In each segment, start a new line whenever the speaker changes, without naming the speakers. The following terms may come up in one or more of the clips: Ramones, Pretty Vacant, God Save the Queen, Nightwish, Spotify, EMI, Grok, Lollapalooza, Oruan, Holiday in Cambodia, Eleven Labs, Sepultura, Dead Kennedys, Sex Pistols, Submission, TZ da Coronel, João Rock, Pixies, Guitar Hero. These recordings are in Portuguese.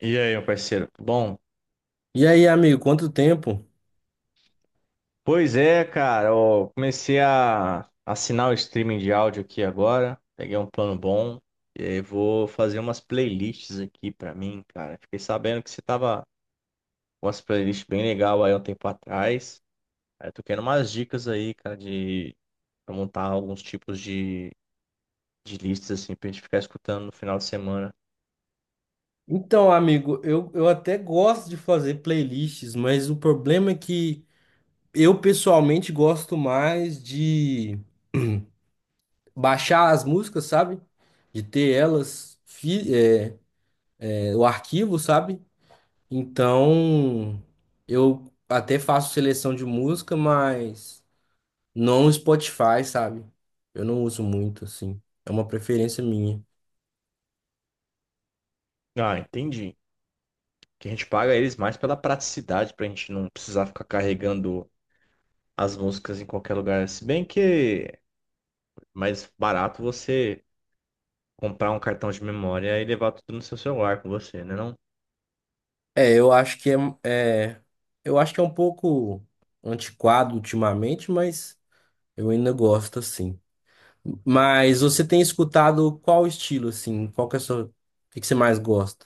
E aí, meu parceiro? Bom,
E aí, amigo, quanto tempo?
pois é, cara, eu comecei a assinar o streaming de áudio aqui agora, peguei um plano bom, e aí vou fazer umas playlists aqui pra mim, cara. Fiquei sabendo que você tava com umas playlists bem legal aí um tempo atrás. Aí eu tô querendo umas dicas aí, cara, de pra montar alguns tipos de listas assim pra gente ficar escutando no final de semana.
Então, amigo, eu até gosto de fazer playlists, mas o problema é que eu pessoalmente gosto mais de baixar as músicas, sabe? De ter elas, o arquivo, sabe? Então, eu até faço seleção de música, mas não no Spotify, sabe? Eu não uso muito, assim. É uma preferência minha.
Ah, entendi. Que a gente paga eles mais pela praticidade, pra gente não precisar ficar carregando as músicas em qualquer lugar. Se bem que é mais barato você comprar um cartão de memória e levar tudo no seu celular com você, né não?
É, é- eu acho que é um pouco antiquado ultimamente, mas eu ainda gosto assim. Mas você tem escutado qual estilo assim? Qual que é a sua, o que que você mais gosta?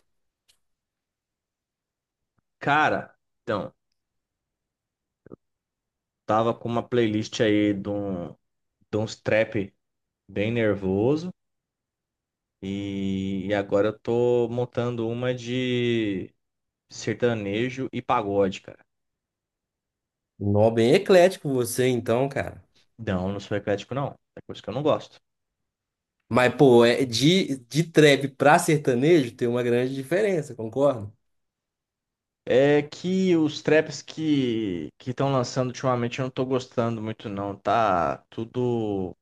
Cara, então, tava com uma playlist aí de uns trap bem nervoso e agora eu tô montando uma de sertanejo e pagode, cara.
Um Nó, bem eclético você então, cara.
Não, não sou eclético não, é coisa que eu não gosto.
Mas pô, é de trap pra sertanejo tem uma grande diferença, concorda?
É que os traps que estão lançando ultimamente eu não tô gostando muito não, tá tudo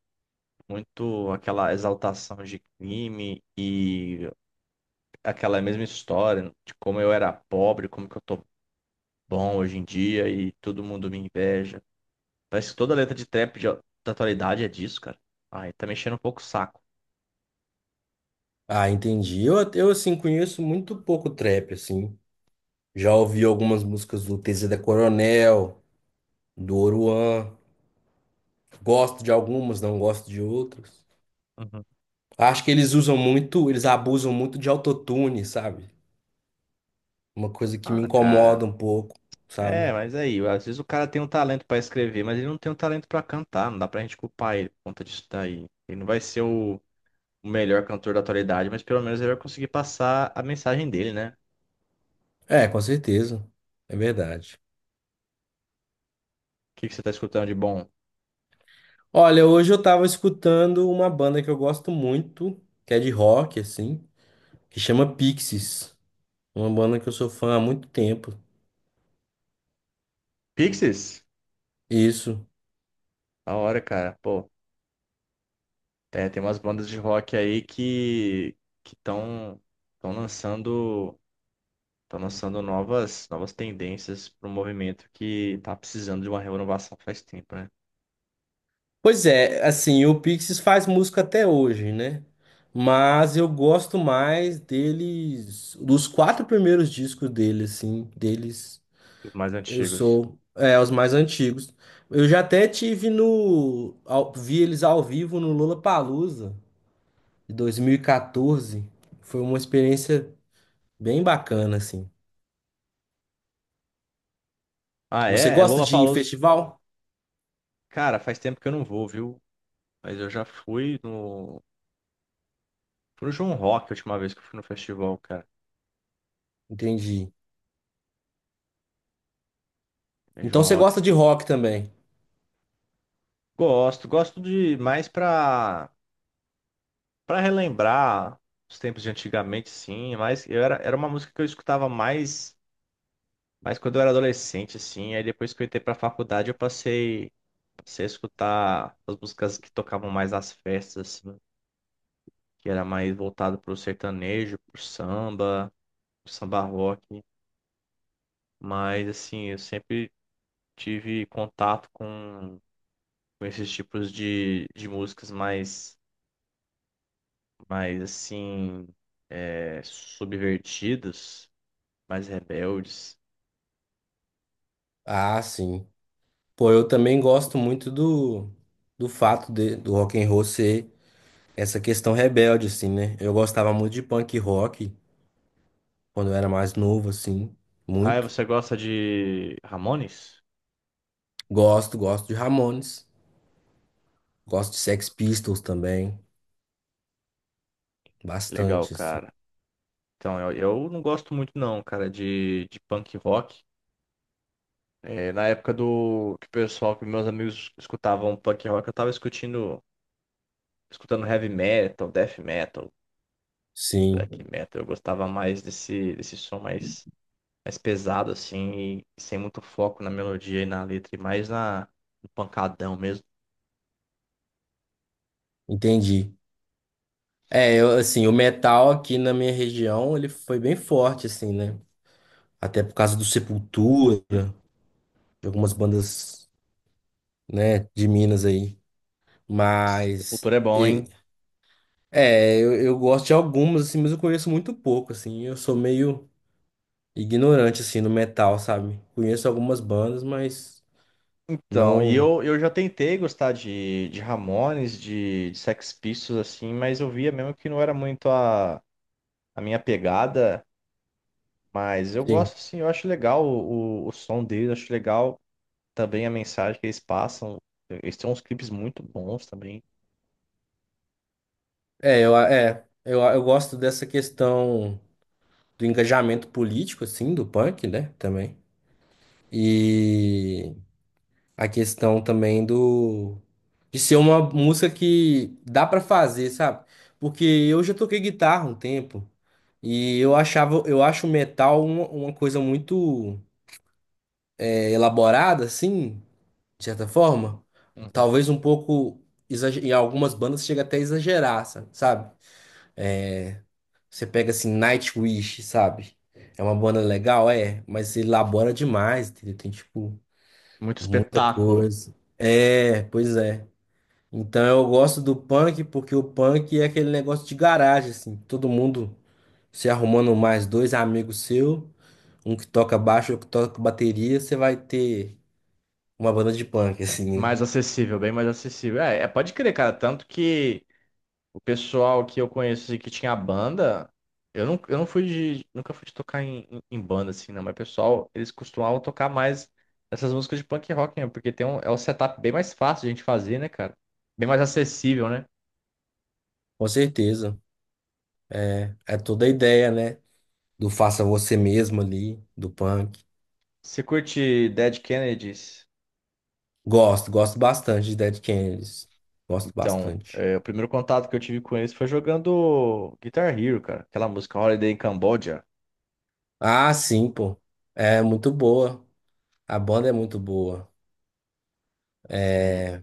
muito aquela exaltação de crime e aquela mesma história de como eu era pobre, como que eu tô bom hoje em dia e todo mundo me inveja. Parece que toda letra de trap da atualidade é disso, cara. Aí tá mexendo um pouco o saco.
Ah, entendi. Eu assim conheço muito pouco trap assim. Já ouvi algumas músicas do TZ da Coronel, do Oruan. Gosto de algumas, não gosto de outras.
Uhum.
Acho que eles usam muito, eles abusam muito de autotune, sabe? Uma coisa que me
Ah, cara.
incomoda um pouco, sabe?
É, mas aí, às vezes o cara tem um talento pra escrever, mas ele não tem um talento pra cantar, não dá pra gente culpar ele por conta disso daí. Ele não vai ser o melhor cantor da atualidade, mas pelo menos ele vai conseguir passar a mensagem dele, né?
É, com certeza. É verdade.
O que que você tá escutando de bom?
Olha, hoje eu tava escutando uma banda que eu gosto muito, que é de rock, assim, que chama Pixies. Uma banda que eu sou fã há muito tempo.
Pixies?
Isso.
Da hora, cara. Pô, é, tem umas bandas de rock aí que estão lançando estão lançando novas tendências para um movimento que tá precisando de uma renovação faz tempo, né?
Pois é, assim, o Pixies faz música até hoje, né? Mas eu gosto mais deles, dos quatro primeiros discos deles, assim, deles,
Os mais
eu
antigos.
sou, é, os mais antigos. Eu já até tive no, ao- vi eles ao vivo no Lollapalooza de 2014. Foi uma experiência bem bacana, assim.
Ah,
Você
é
gosta de ir em
Lollapalooza.
festival?
Cara, faz tempo que eu não vou, viu? Mas eu já fui no João Rock a última vez que eu fui no festival, cara.
Entendi.
Em
Então
João
você
Rock.
gosta de rock também?
Gosto, gosto de mais pra para relembrar os tempos de antigamente, sim, mas eu era uma música que eu escutava mais. Mas quando eu era adolescente, assim, aí depois que eu entrei pra faculdade, eu passei a escutar as músicas que tocavam mais nas festas, assim, que era mais voltado pro sertanejo, pro samba rock. Mas, assim, eu sempre tive contato com esses tipos de músicas mais assim, subvertidas, mais rebeldes.
Ah, sim. Pô, eu também gosto muito do, do fato de, do rock and roll ser essa questão rebelde, assim, né? Eu gostava muito de punk rock quando eu era mais novo, assim,
Ah,
muito.
você gosta de Ramones?
Gosto, gosto de Ramones, gosto de Sex Pistols também,
Legal,
bastante, assim.
cara. Então, eu não gosto muito não, cara, de punk rock. É, na época do que o pessoal, que meus amigos escutavam punk rock, eu tava escutando heavy metal, death metal,
Sim,
black metal. Eu gostava mais desse som mais pesado, assim, e sem muito foco na melodia e na letra, e mais no pancadão mesmo.
entendi. É, eu, assim, o metal aqui na minha região, ele foi bem forte, assim, né? Até por causa do Sepultura, de algumas bandas, né, de Minas aí. Mas...
Sepultura é bom, hein?
É, eu gosto de algumas, assim, mas eu conheço muito pouco, assim. Eu sou meio ignorante, assim, no metal, sabe? Conheço algumas bandas, mas
Então, e
não.
eu, eu já tentei gostar de Ramones, de Sex Pistols, assim, mas eu via mesmo que não era muito a minha pegada, mas eu
Sim.
gosto assim, eu acho legal o som deles, acho legal também a mensagem que eles passam. Eles têm uns clipes muito bons também.
Eu gosto dessa questão do engajamento político, assim, do punk, né? Também. E a questão também do de ser uma música que dá pra fazer, sabe? Porque eu já toquei guitarra um tempo. Eu acho o metal uma coisa muito, é, elaborada, assim, de certa forma.
Uhum.
Talvez um pouco, em algumas bandas chega até a exagerar, sabe? Você pega assim, Nightwish, sabe? É uma banda legal, é, mas elabora demais, entendeu? Tem, tipo,
Muito
muita
espetáculo,
coisa. É, pois é. Então eu gosto do punk porque o punk é aquele negócio de garagem, assim. Todo mundo se arrumando mais dois amigos seu, um que toca baixo, outro que toca bateria, você vai ter uma banda de punk, assim, né?
mais acessível, bem mais acessível. É, pode crer, cara, tanto que o pessoal que eu conheço assim, que tinha banda, eu não fui nunca fui de tocar em banda assim, não, mas pessoal, eles costumavam tocar mais essas músicas de punk rock, né? Porque tem é um setup bem mais fácil de a gente fazer, né, cara? Bem mais acessível, né?
Com certeza. É, é toda a ideia, né? Do faça você mesmo ali, do punk.
Você curte Dead Kennedys?
Gosto, gosto bastante de Dead Kennedys. Gosto
Então,
bastante.
é, o primeiro contato que eu tive com eles foi jogando Guitar Hero, cara. Aquela música Holiday in Cambodia.
Ah, sim, pô. É muito boa. A banda é muito boa.
Sim.
É...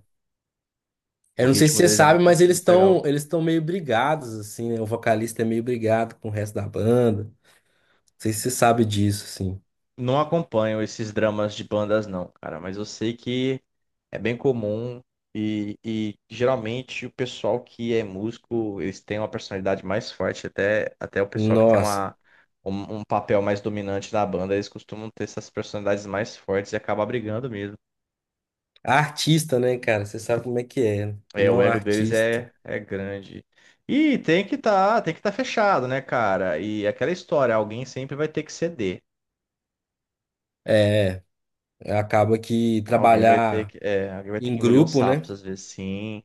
O
Eu não sei se
ritmo
você
deles é
sabe,
muito,
mas
é muito legal.
eles estão meio brigados, assim, né? O vocalista é meio brigado com o resto da banda. Não sei se você sabe disso, assim.
Não acompanho esses dramas de bandas, não, cara, mas eu sei que é bem comum e geralmente o pessoal que é músico, eles têm uma personalidade mais forte, até, até o pessoal que tem
Nossa.
um papel mais dominante na banda, eles costumam ter essas personalidades mais fortes e acaba brigando mesmo.
Artista, né, cara? Você sabe como é que é, né?
É, o
Não
ego deles
artista.
é grande. E tem que estar fechado, né, cara? E aquela história, alguém sempre vai ter que ceder.
Acaba que
Alguém vai ter
trabalhar
que, é, alguém vai ter
em
que engolir uns
grupo, né?
sapos às vezes, sim.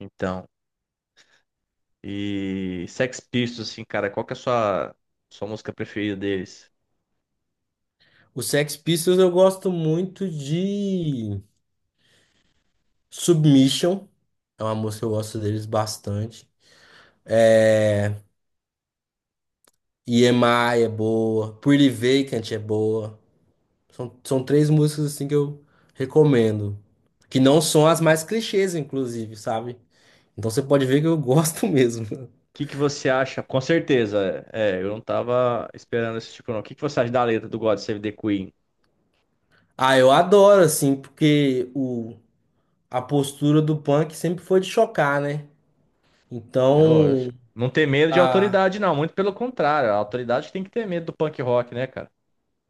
Então, e Sex Pistols, assim, cara, qual que é a sua música preferida deles?
O Sex Pistols eu gosto muito de Submission. É uma música que eu gosto deles bastante. É... EMI é boa. Pretty Vacant é boa. São três músicas assim que eu recomendo. Que não são as mais clichês, inclusive, sabe? Então você pode ver que eu gosto mesmo.
O que que você acha? Com certeza, é, eu não tava esperando esse tipo, não. O que que você acha da letra do God Save the Queen?
Ah, eu adoro, assim, porque a postura do punk sempre foi de chocar, né?
É lógico.
Então,
Não ter medo de
ah,
autoridade, não. Muito pelo contrário, a autoridade tem que ter medo do punk rock, né, cara?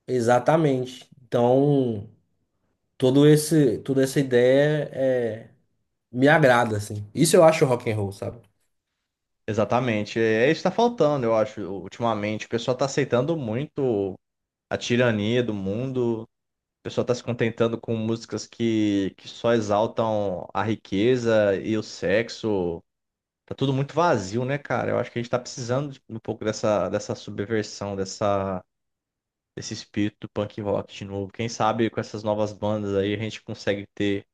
exatamente. Então, todo esse, toda essa ideia é, me agrada, assim. Isso eu acho rock and roll, sabe?
Exatamente. É isso que tá faltando, eu acho, ultimamente. O pessoal tá aceitando muito a tirania do mundo. O pessoal tá se contentando com músicas que só exaltam a riqueza e o sexo. Tá tudo muito vazio, né, cara? Eu acho que a gente tá precisando de um pouco dessa subversão, desse espírito do punk rock de novo. Quem sabe com essas novas bandas aí a gente consegue ter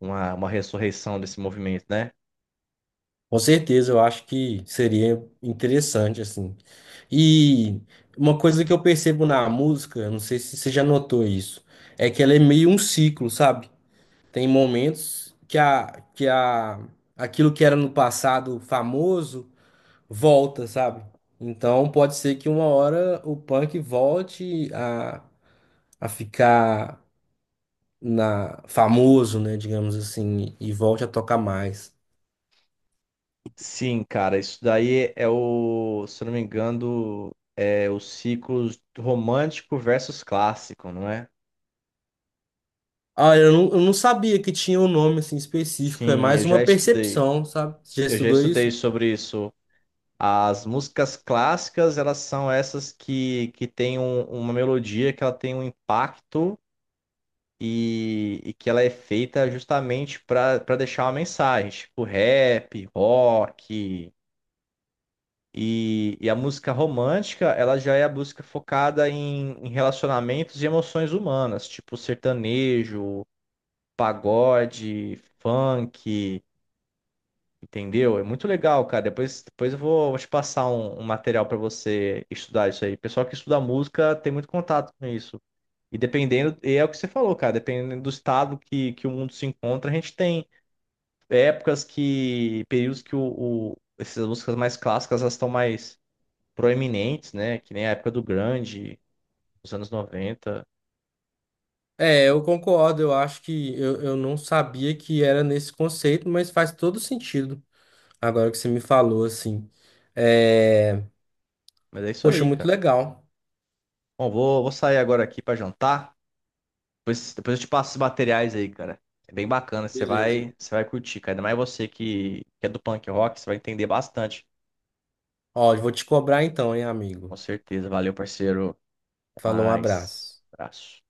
uma ressurreição desse movimento, né?
Com certeza, eu acho que seria interessante, assim. E uma coisa que eu percebo na música, eu não sei se você já notou isso, é que ela é meio um ciclo, sabe? Tem momentos aquilo que era no passado famoso volta, sabe? Então pode ser que uma hora o punk volte a ficar na famoso, né, digamos assim, e volte a tocar mais.
Sim, cara, isso daí é o, se eu não me engano, é o ciclo romântico versus clássico, não é?
Ah, eu não sabia que tinha um nome assim específico, é
Sim, eu
mais uma
já estudei.
percepção, sabe? Você já
Eu já
estudou
estudei
isso?
sobre isso. As músicas clássicas, elas são essas que têm uma melodia, que ela tem um impacto e que ela é feita justamente para deixar uma mensagem, tipo rap, rock. E a música romântica, ela já é a música focada em relacionamentos e emoções humanas, tipo sertanejo, pagode, funk, entendeu? É muito legal, cara. Depois eu vou te passar um material para você estudar isso aí. O pessoal que estuda música tem muito contato com isso. E é o que você falou, cara, dependendo do estado que o mundo se encontra, a gente tem períodos que essas músicas mais clássicas, elas estão mais proeminentes, né? Que nem a época os anos 90.
É, eu concordo, eu acho que eu não sabia que era nesse conceito, mas faz todo sentido agora que você me falou, assim. É...
Mas é isso
Poxa,
aí,
muito
cara.
legal.
Bom, vou sair agora aqui pra jantar. Depois eu te passo os materiais aí, cara. É bem bacana, você
Beleza.
vai, você vai curtir, cara. Ainda mais você que é do punk rock, você vai entender bastante.
Ó, eu vou te cobrar então, hein,
Com
amigo?
certeza. Valeu, parceiro. Até
Falou, um
mais.
abraço.
Abraço.